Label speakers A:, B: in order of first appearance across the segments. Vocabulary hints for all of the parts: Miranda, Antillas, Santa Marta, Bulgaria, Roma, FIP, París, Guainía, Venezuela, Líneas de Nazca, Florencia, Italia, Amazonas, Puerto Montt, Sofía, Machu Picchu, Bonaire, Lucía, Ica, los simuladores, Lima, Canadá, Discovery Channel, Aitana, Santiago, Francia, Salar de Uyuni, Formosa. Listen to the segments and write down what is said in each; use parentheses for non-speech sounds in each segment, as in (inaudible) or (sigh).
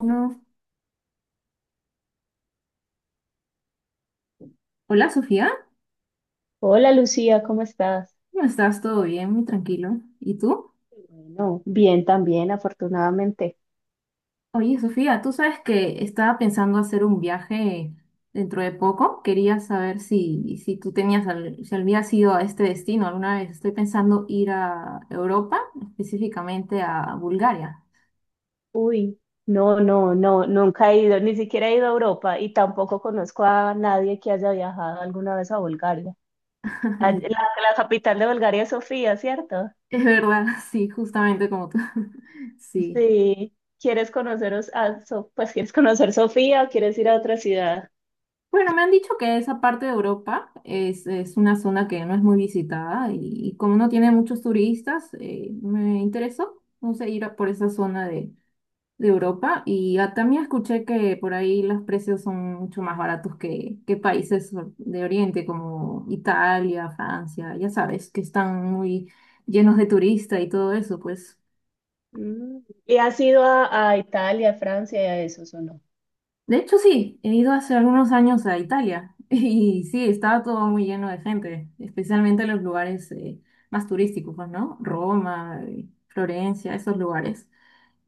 A: No. Hola Sofía,
B: Hola Lucía, ¿cómo estás?
A: ¿cómo estás? ¿Todo bien? Muy tranquilo. ¿Y tú?
B: Bueno, bien también, afortunadamente.
A: Oye Sofía, tú sabes que estaba pensando hacer un viaje dentro de poco. Quería saber si tú tenías, si habías ido a este destino alguna vez. Estoy pensando ir a Europa, específicamente a Bulgaria.
B: Uy, no, no, no, nunca he ido, ni siquiera he ido a Europa y tampoco conozco a nadie que haya viajado alguna vez a Bulgaria. A- La,
A: (laughs)
B: la capital de Bulgaria es Sofía, ¿cierto?
A: Es verdad, sí, justamente como tú. (laughs) Sí.
B: Sí. ¿Quieres conoceros a, pues quieres conocer Sofía o quieres ir a otra ciudad?
A: Bueno, me han dicho que esa parte de Europa es una zona que no es muy visitada y como no tiene muchos turistas, me interesó, no sé, ir a por esa zona de Europa y también escuché que por ahí los precios son mucho más baratos que países de Oriente como Italia, Francia, ya sabes, que están muy llenos de turistas y todo eso, pues.
B: Mm, ¿Y has ido a Italia, Francia y a esos o no?
A: De hecho, sí, he ido hace algunos años a Italia (laughs) y sí, estaba todo muy lleno de gente, especialmente los lugares más turísticos, pues, ¿no? Roma, Florencia, esos lugares.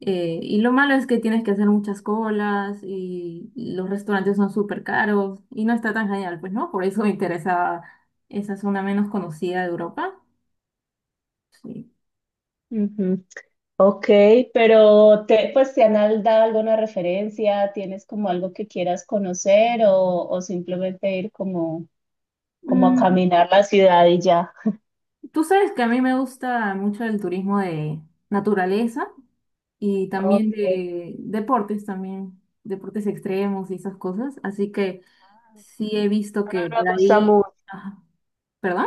A: Y lo malo es que tienes que hacer muchas colas y los restaurantes son súper caros y no está tan genial, pues, ¿no? Por eso me interesaba esa zona menos conocida de Europa. Sí.
B: Ujú. Ok, pero te, pues te han dado alguna referencia, tienes como algo que quieras conocer o simplemente ir como, como a
A: Mm,
B: caminar la ciudad y ya.
A: tú sabes que a mí me gusta mucho el turismo de naturaleza. Y
B: Ok.
A: también de deportes también, deportes extremos y esas cosas. Así que sí he visto
B: Ah,
A: que
B: me
A: por
B: gusta
A: ahí,
B: mucho.
A: ajá, ¿perdón?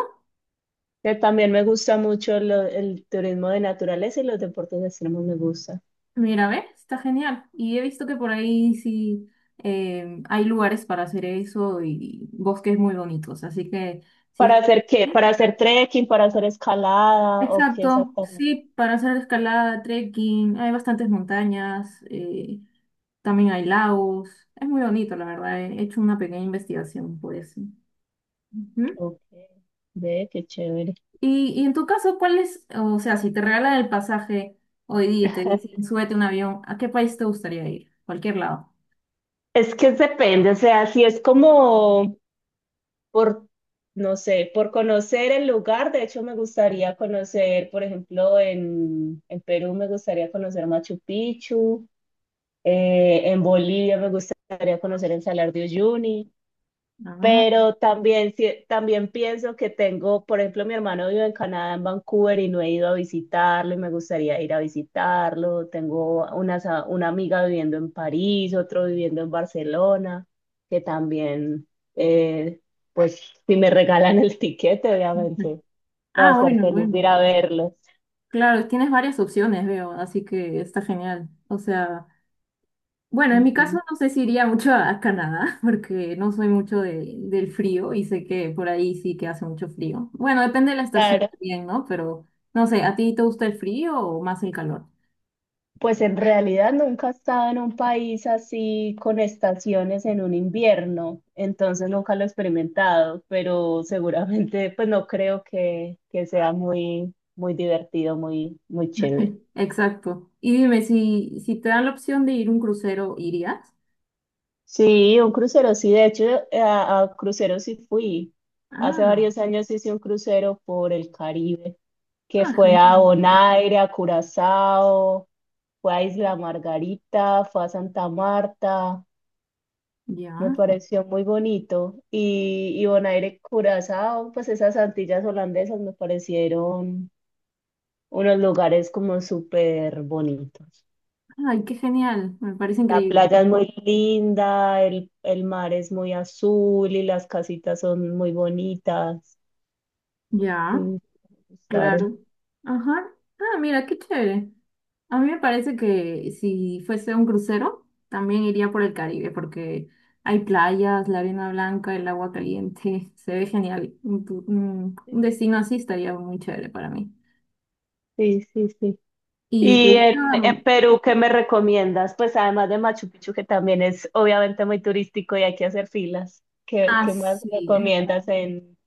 B: También me gusta mucho el turismo de naturaleza y los deportes extremos me gustan.
A: Mira, ve, está genial. Y he visto que por ahí sí hay lugares para hacer eso y bosques muy bonitos. Así que sí es
B: ¿Para
A: que...
B: hacer qué? ¿Para
A: sí,
B: hacer trekking? ¿Para hacer escalada? ¿O qué
A: exacto,
B: exactamente?
A: sí, para hacer escalada, trekking, hay bastantes montañas, también hay lagos, es muy bonito, la verdad, he hecho una pequeña investigación por eso. Ujú.
B: Ok, ve, qué chévere.
A: Y en tu caso, ¿cuál es, o sea, si te regalan el pasaje hoy día y te
B: (laughs)
A: dicen, súbete a un avión, ¿a qué país te gustaría ir? Cualquier lado.
B: Es que depende, o sea, si es como por, no sé, por conocer el lugar. De hecho, me gustaría conocer, por ejemplo, en Perú me gustaría conocer Machu Picchu, en Bolivia me gustaría conocer el Salar de Uyuni.
A: Ah,
B: Pero también, también pienso que tengo, por ejemplo, mi hermano vive en Canadá, en Vancouver, y no he ido a visitarlo y me gustaría ir a visitarlo. Tengo una, una amiga viviendo en París, otro viviendo en Barcelona, que también, eh, pues, si me regalan el (laughs) tiquete,
A: (laughs) ujú.
B: obviamente, va a
A: Ah,
B: ser
A: bueno,
B: feliz de
A: bueno.
B: ir a verlos.
A: Claro, tienes varias opciones, veo, así que está genial. O sea, bueno, en mi caso
B: Ujú.
A: no sé si iría mucho a Canadá, (laughs) porque no soy mucho de- del frío y sé que por ahí sí que hace mucho frío. Bueno, depende de la estación
B: Claro.
A: también, ¿no? Pero no sé, ¿a ti te gusta el frío o más el calor?
B: Pues en realidad nunca he estado en un país así con estaciones en un invierno, entonces nunca lo he experimentado, pero seguramente pues no creo que sea muy, muy divertido, muy, muy chévere.
A: Exacto. Y dime, si te dan la opción de ir a un crucero, ¿irías?
B: Sí, un crucero, sí, de hecho a cruceros sí fui.
A: Ah,
B: Hace
A: no.
B: varios años hice un crucero por el Caribe, que
A: Ah,
B: fue a
A: genial.
B: Bonaire, a Curazao, fue a Isla Margarita, fue a Santa Marta. Me
A: Ya.
B: pareció muy bonito. Y Bonaire, Curazao, pues esas Antillas holandesas me parecieron unos lugares como súper bonitos.
A: Ay, qué genial. Me parece
B: La
A: increíble.
B: playa es muy linda, el mar es muy azul y las casitas son muy bonitas. Sí,
A: Ya,
B: me gustaron.
A: claro. Ajá. Ah, mira, qué chévere. A mí me parece que si fuese un crucero, también iría por el Caribe, porque hay playas, la arena blanca, el agua caliente. (laughs) Se ve genial. Un destino así estaría muy chévere para mí.
B: Sí, sí, sí.
A: ¿Y te
B: Y
A: gusta?
B: en Perú, ¿qué me recomiendas? Pues además de Machu Picchu, que también es obviamente muy turístico y hay que hacer filas. ¿Qué,
A: Ah,
B: qué más
A: sí.
B: recomiendas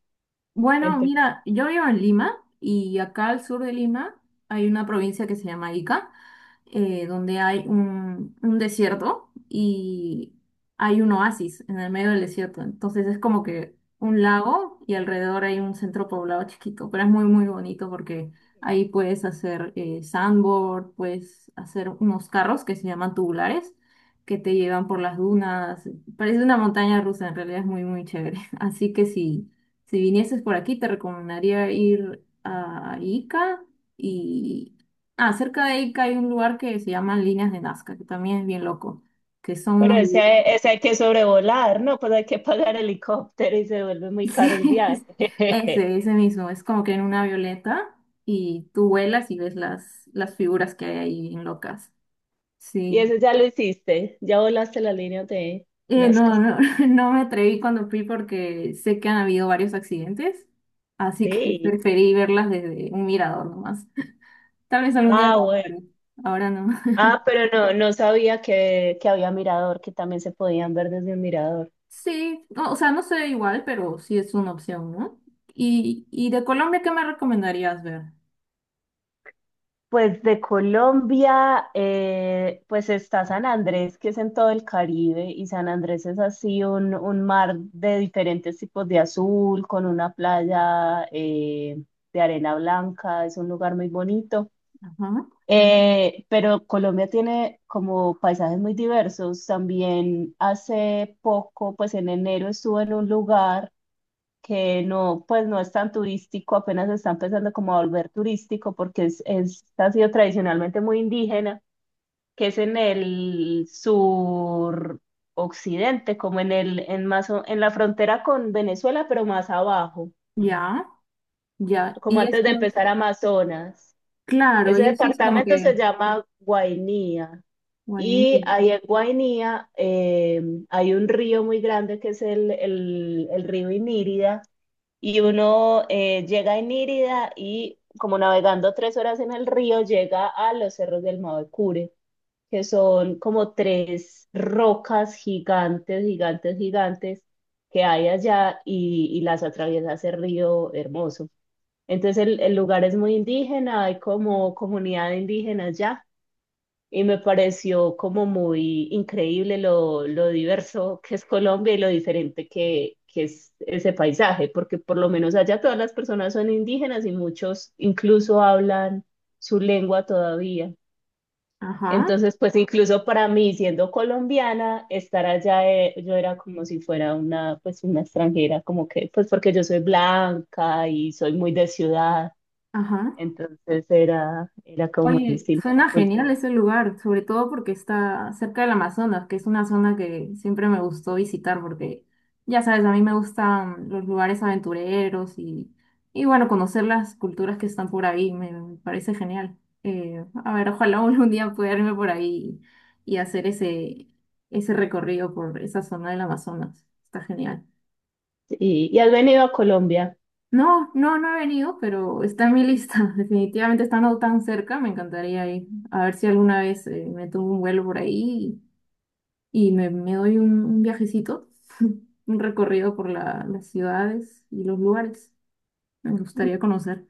B: en
A: Bueno,
B: Perú?
A: mira, yo vivo en Lima y acá al sur de Lima hay una provincia que se llama Ica donde hay un desierto y hay un oasis en el medio del desierto. Entonces es como que un lago y alrededor hay un centro poblado chiquito, pero es muy, muy bonito porque ahí puedes hacer sandboard, puedes hacer unos carros que se llaman tubulares, que te llevan por las dunas. Parece una montaña rusa, en realidad es muy, muy chévere. (laughs) Así que si vinieses por aquí, te recomendaría ir a Ica, y, ah, cerca de ahí que hay un lugar que se llama Líneas de Nazca, que también es bien loco, que son
B: Pero
A: unos...
B: ese,
A: (laughs)
B: ese hay que sobrevolar, ¿no? Pues hay que pagar helicóptero y se vuelve muy caro el
A: Sí,
B: viaje.
A: ese, ese
B: (laughs)
A: mismo, es como que en una violeta y tú vuelas y ves las figuras que hay ahí bien locas.
B: Y
A: Sí.
B: eso ya lo hiciste, ya volaste la línea de
A: Eh, no,
B: Nazca.
A: no, (laughs) no me atreví cuando fui porque sé que han habido varios accidentes, así que (laughs)
B: Sí.
A: preferí verlas desde un mirador nomás. Tal vez algún día
B: Ah,
A: lo haga,
B: bueno.
A: pero ahora no.
B: Ah, pero no, no sabía que había mirador, que también se podían ver desde un mirador.
A: Sí, no, o sea, no sé igual, pero sí es una opción, ¿no? Y de Colombia, ¿qué me recomendarías ver?
B: Pues de Colombia, pues está San Andrés, que es en todo el Caribe, y San Andrés es así un mar de diferentes tipos de azul, con una playa de arena blanca, es un lugar muy bonito.
A: Ajá.
B: Pero Colombia tiene como paisajes muy diversos. También hace poco, pues en enero estuve en un lugar que no, pues no es tan turístico, apenas se está empezando como a volver turístico porque es, ha sido tradicionalmente muy indígena, que es en el sur occidente, como en el, en más, en la frontera con Venezuela, pero más abajo,
A: Ya, ya.
B: como
A: Y
B: antes
A: eso
B: de
A: es,
B: empezar Amazonas.
A: claro,
B: Ese
A: y eso es como
B: departamento se
A: que,
B: llama Guainía.
A: guainí.
B: Y ahí en Guainía hay un río muy grande que es el río Inírida y uno llega en Írida y como navegando 3 horas en el río, llega a los cerros del Mavecure, que son como tres rocas gigantes, gigantes, gigantes que hay allá y las atraviesa ese río hermoso. Entonces el lugar es muy indígena, hay como comunidad indígena allá y me pareció como muy increíble lo diverso que es Colombia y lo diferente que es ese paisaje, porque por lo menos allá todas las personas son indígenas y muchos incluso hablan su lengua todavía.
A: Ajá,
B: Entonces, pues incluso para mí, siendo colombiana, estar allá, yo era como si fuera una, pues una extranjera, como que, pues porque yo soy blanca y soy muy de ciudad,
A: ajá.
B: entonces era, era como muy
A: Oye,
B: distinta la
A: suena genial
B: cultura.
A: ese lugar, sobre todo porque está cerca del Amazonas, que es una zona que siempre me gustó visitar porque, ya sabes, a mí me gustan los lugares aventureros y bueno, conocer las culturas que están por ahí, me parece genial. A ver, ojalá (laughs) algún día pueda irme por ahí y, hacer ese, ese recorrido por esa zona del Amazonas. Está genial.
B: Y has venido a Colombia.
A: No, no, no he venido, pero está en mi lista. (laughs) Definitivamente estando tan cerca, me encantaría ir. A ver si alguna vez me tomo un vuelo por ahí y, me doy un viajecito, (laughs) un recorrido por las ciudades y los lugares. Me gustaría conocer.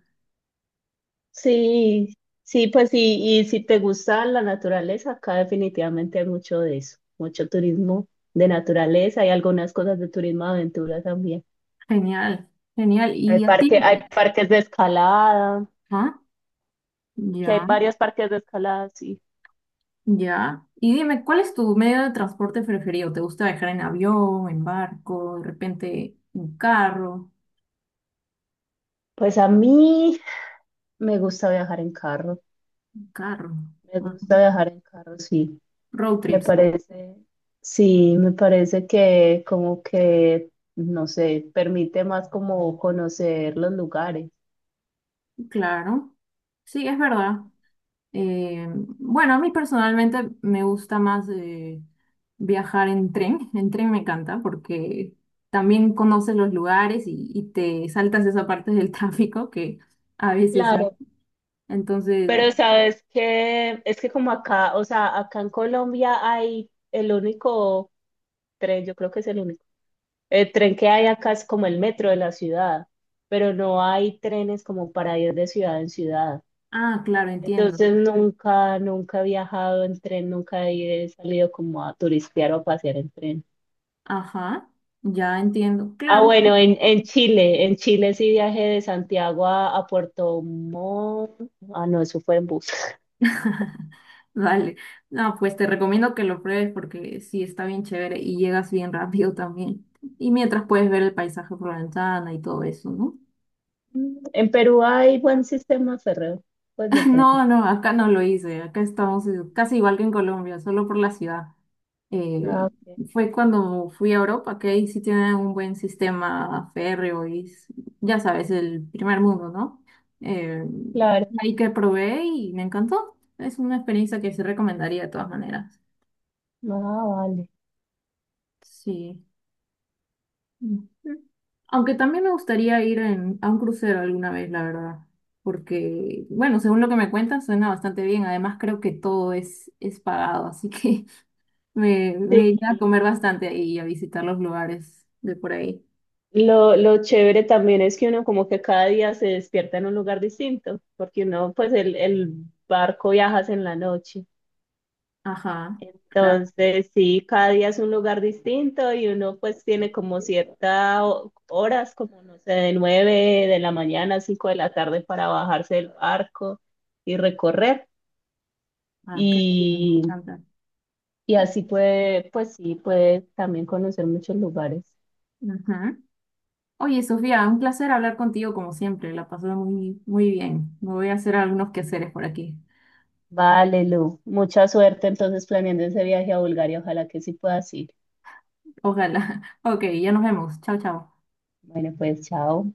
B: Sí, sí, pues sí, y si te gusta la naturaleza, acá definitivamente hay mucho de eso, mucho turismo de naturaleza, hay algunas cosas de turismo de aventura también.
A: Genial, genial.
B: Hay
A: ¿Y a
B: parque, hay
A: ti?
B: parques de escalada,
A: ¿Ah?
B: que hay
A: Ya,
B: varios parques de escalada, sí.
A: ya. Y dime, ¿cuál es tu medio de transporte preferido? ¿Te gusta viajar en avión, en barco, de repente un carro?
B: Pues a mí me gusta viajar en carro,
A: Un carro.
B: me
A: Ajá.
B: gusta viajar en carro, sí.
A: Road
B: Me
A: trips.
B: parece, sí, me parece que como que, no sé, permite más como conocer los lugares.
A: Claro, sí, es verdad. Eh, bueno, a mí personalmente me gusta más viajar en tren. En tren me encanta porque también conoces los lugares y te saltas esa parte del (laughs) tráfico que a veces hay.
B: Claro.
A: Entonces,
B: Pero sabes que es que como acá, o sea, acá en Colombia hay el único tren, yo creo que es el único, el tren que hay acá es como el metro de la ciudad, pero no hay trenes como para ir de ciudad en ciudad.
A: ah, claro, entiendo.
B: Entonces nunca, nunca he viajado en tren, nunca he salido como a turistear o a pasear en tren.
A: Ajá, ya entiendo.
B: Ah,
A: Claro,
B: bueno, en Chile sí viajé de Santiago a Puerto Montt. Ah, no, eso fue en bus.
A: (laughs) vale. No, pues te recomiendo que lo pruebes porque sí está bien chévere y llegas bien rápido también. Y mientras puedes ver el paisaje por la ventana y todo eso, ¿no?
B: En Perú hay buen sistema férreo, pues de
A: (laughs)
B: tren.
A: No, no, acá no lo hice. Acá estamos casi igual que en Colombia, solo por la ciudad.
B: Ah,
A: Eh,
B: ok,
A: fue cuando fui a Europa, que ahí sí tienen un buen sistema férreo ya sabes, el primer mundo, ¿no? Eh,
B: claro.
A: ahí que probé y me encantó. Es una experiencia que sí recomendaría de todas maneras.
B: Ah, vale.
A: Sí. Ujú. Aunque también me gustaría ir a un crucero alguna vez, la verdad. Porque, bueno, según lo que me cuentas, suena bastante bien. Además, creo que todo es pagado, así que (laughs) me iría a
B: Sí,
A: comer bastante ahí y a visitar los lugares de por ahí.
B: lo chévere también es que uno como que cada día se despierta en un lugar distinto, porque uno, pues el barco viajas en la noche.
A: Ajá, claro.
B: Entonces, sí, cada día es un lugar distinto y uno pues tiene como ciertas horas, como no sé, de 9 de la mañana a 5 de la tarde para bajarse del barco y recorrer.
A: Ah, qué rico,
B: y
A: me encanta.
B: Y así puede, pues sí, puede también conocer muchos lugares.
A: Ujú. Oye, Sofía, un placer hablar contigo como siempre. La pasé muy, muy bien. Me voy a hacer algunos quehaceres por aquí.
B: Vale, Lu, mucha suerte entonces planeando ese viaje a Bulgaria. Ojalá que sí puedas ir.
A: Ojalá. (laughs) Ok, ya nos vemos. Chao, chao.
B: Bueno, pues chao.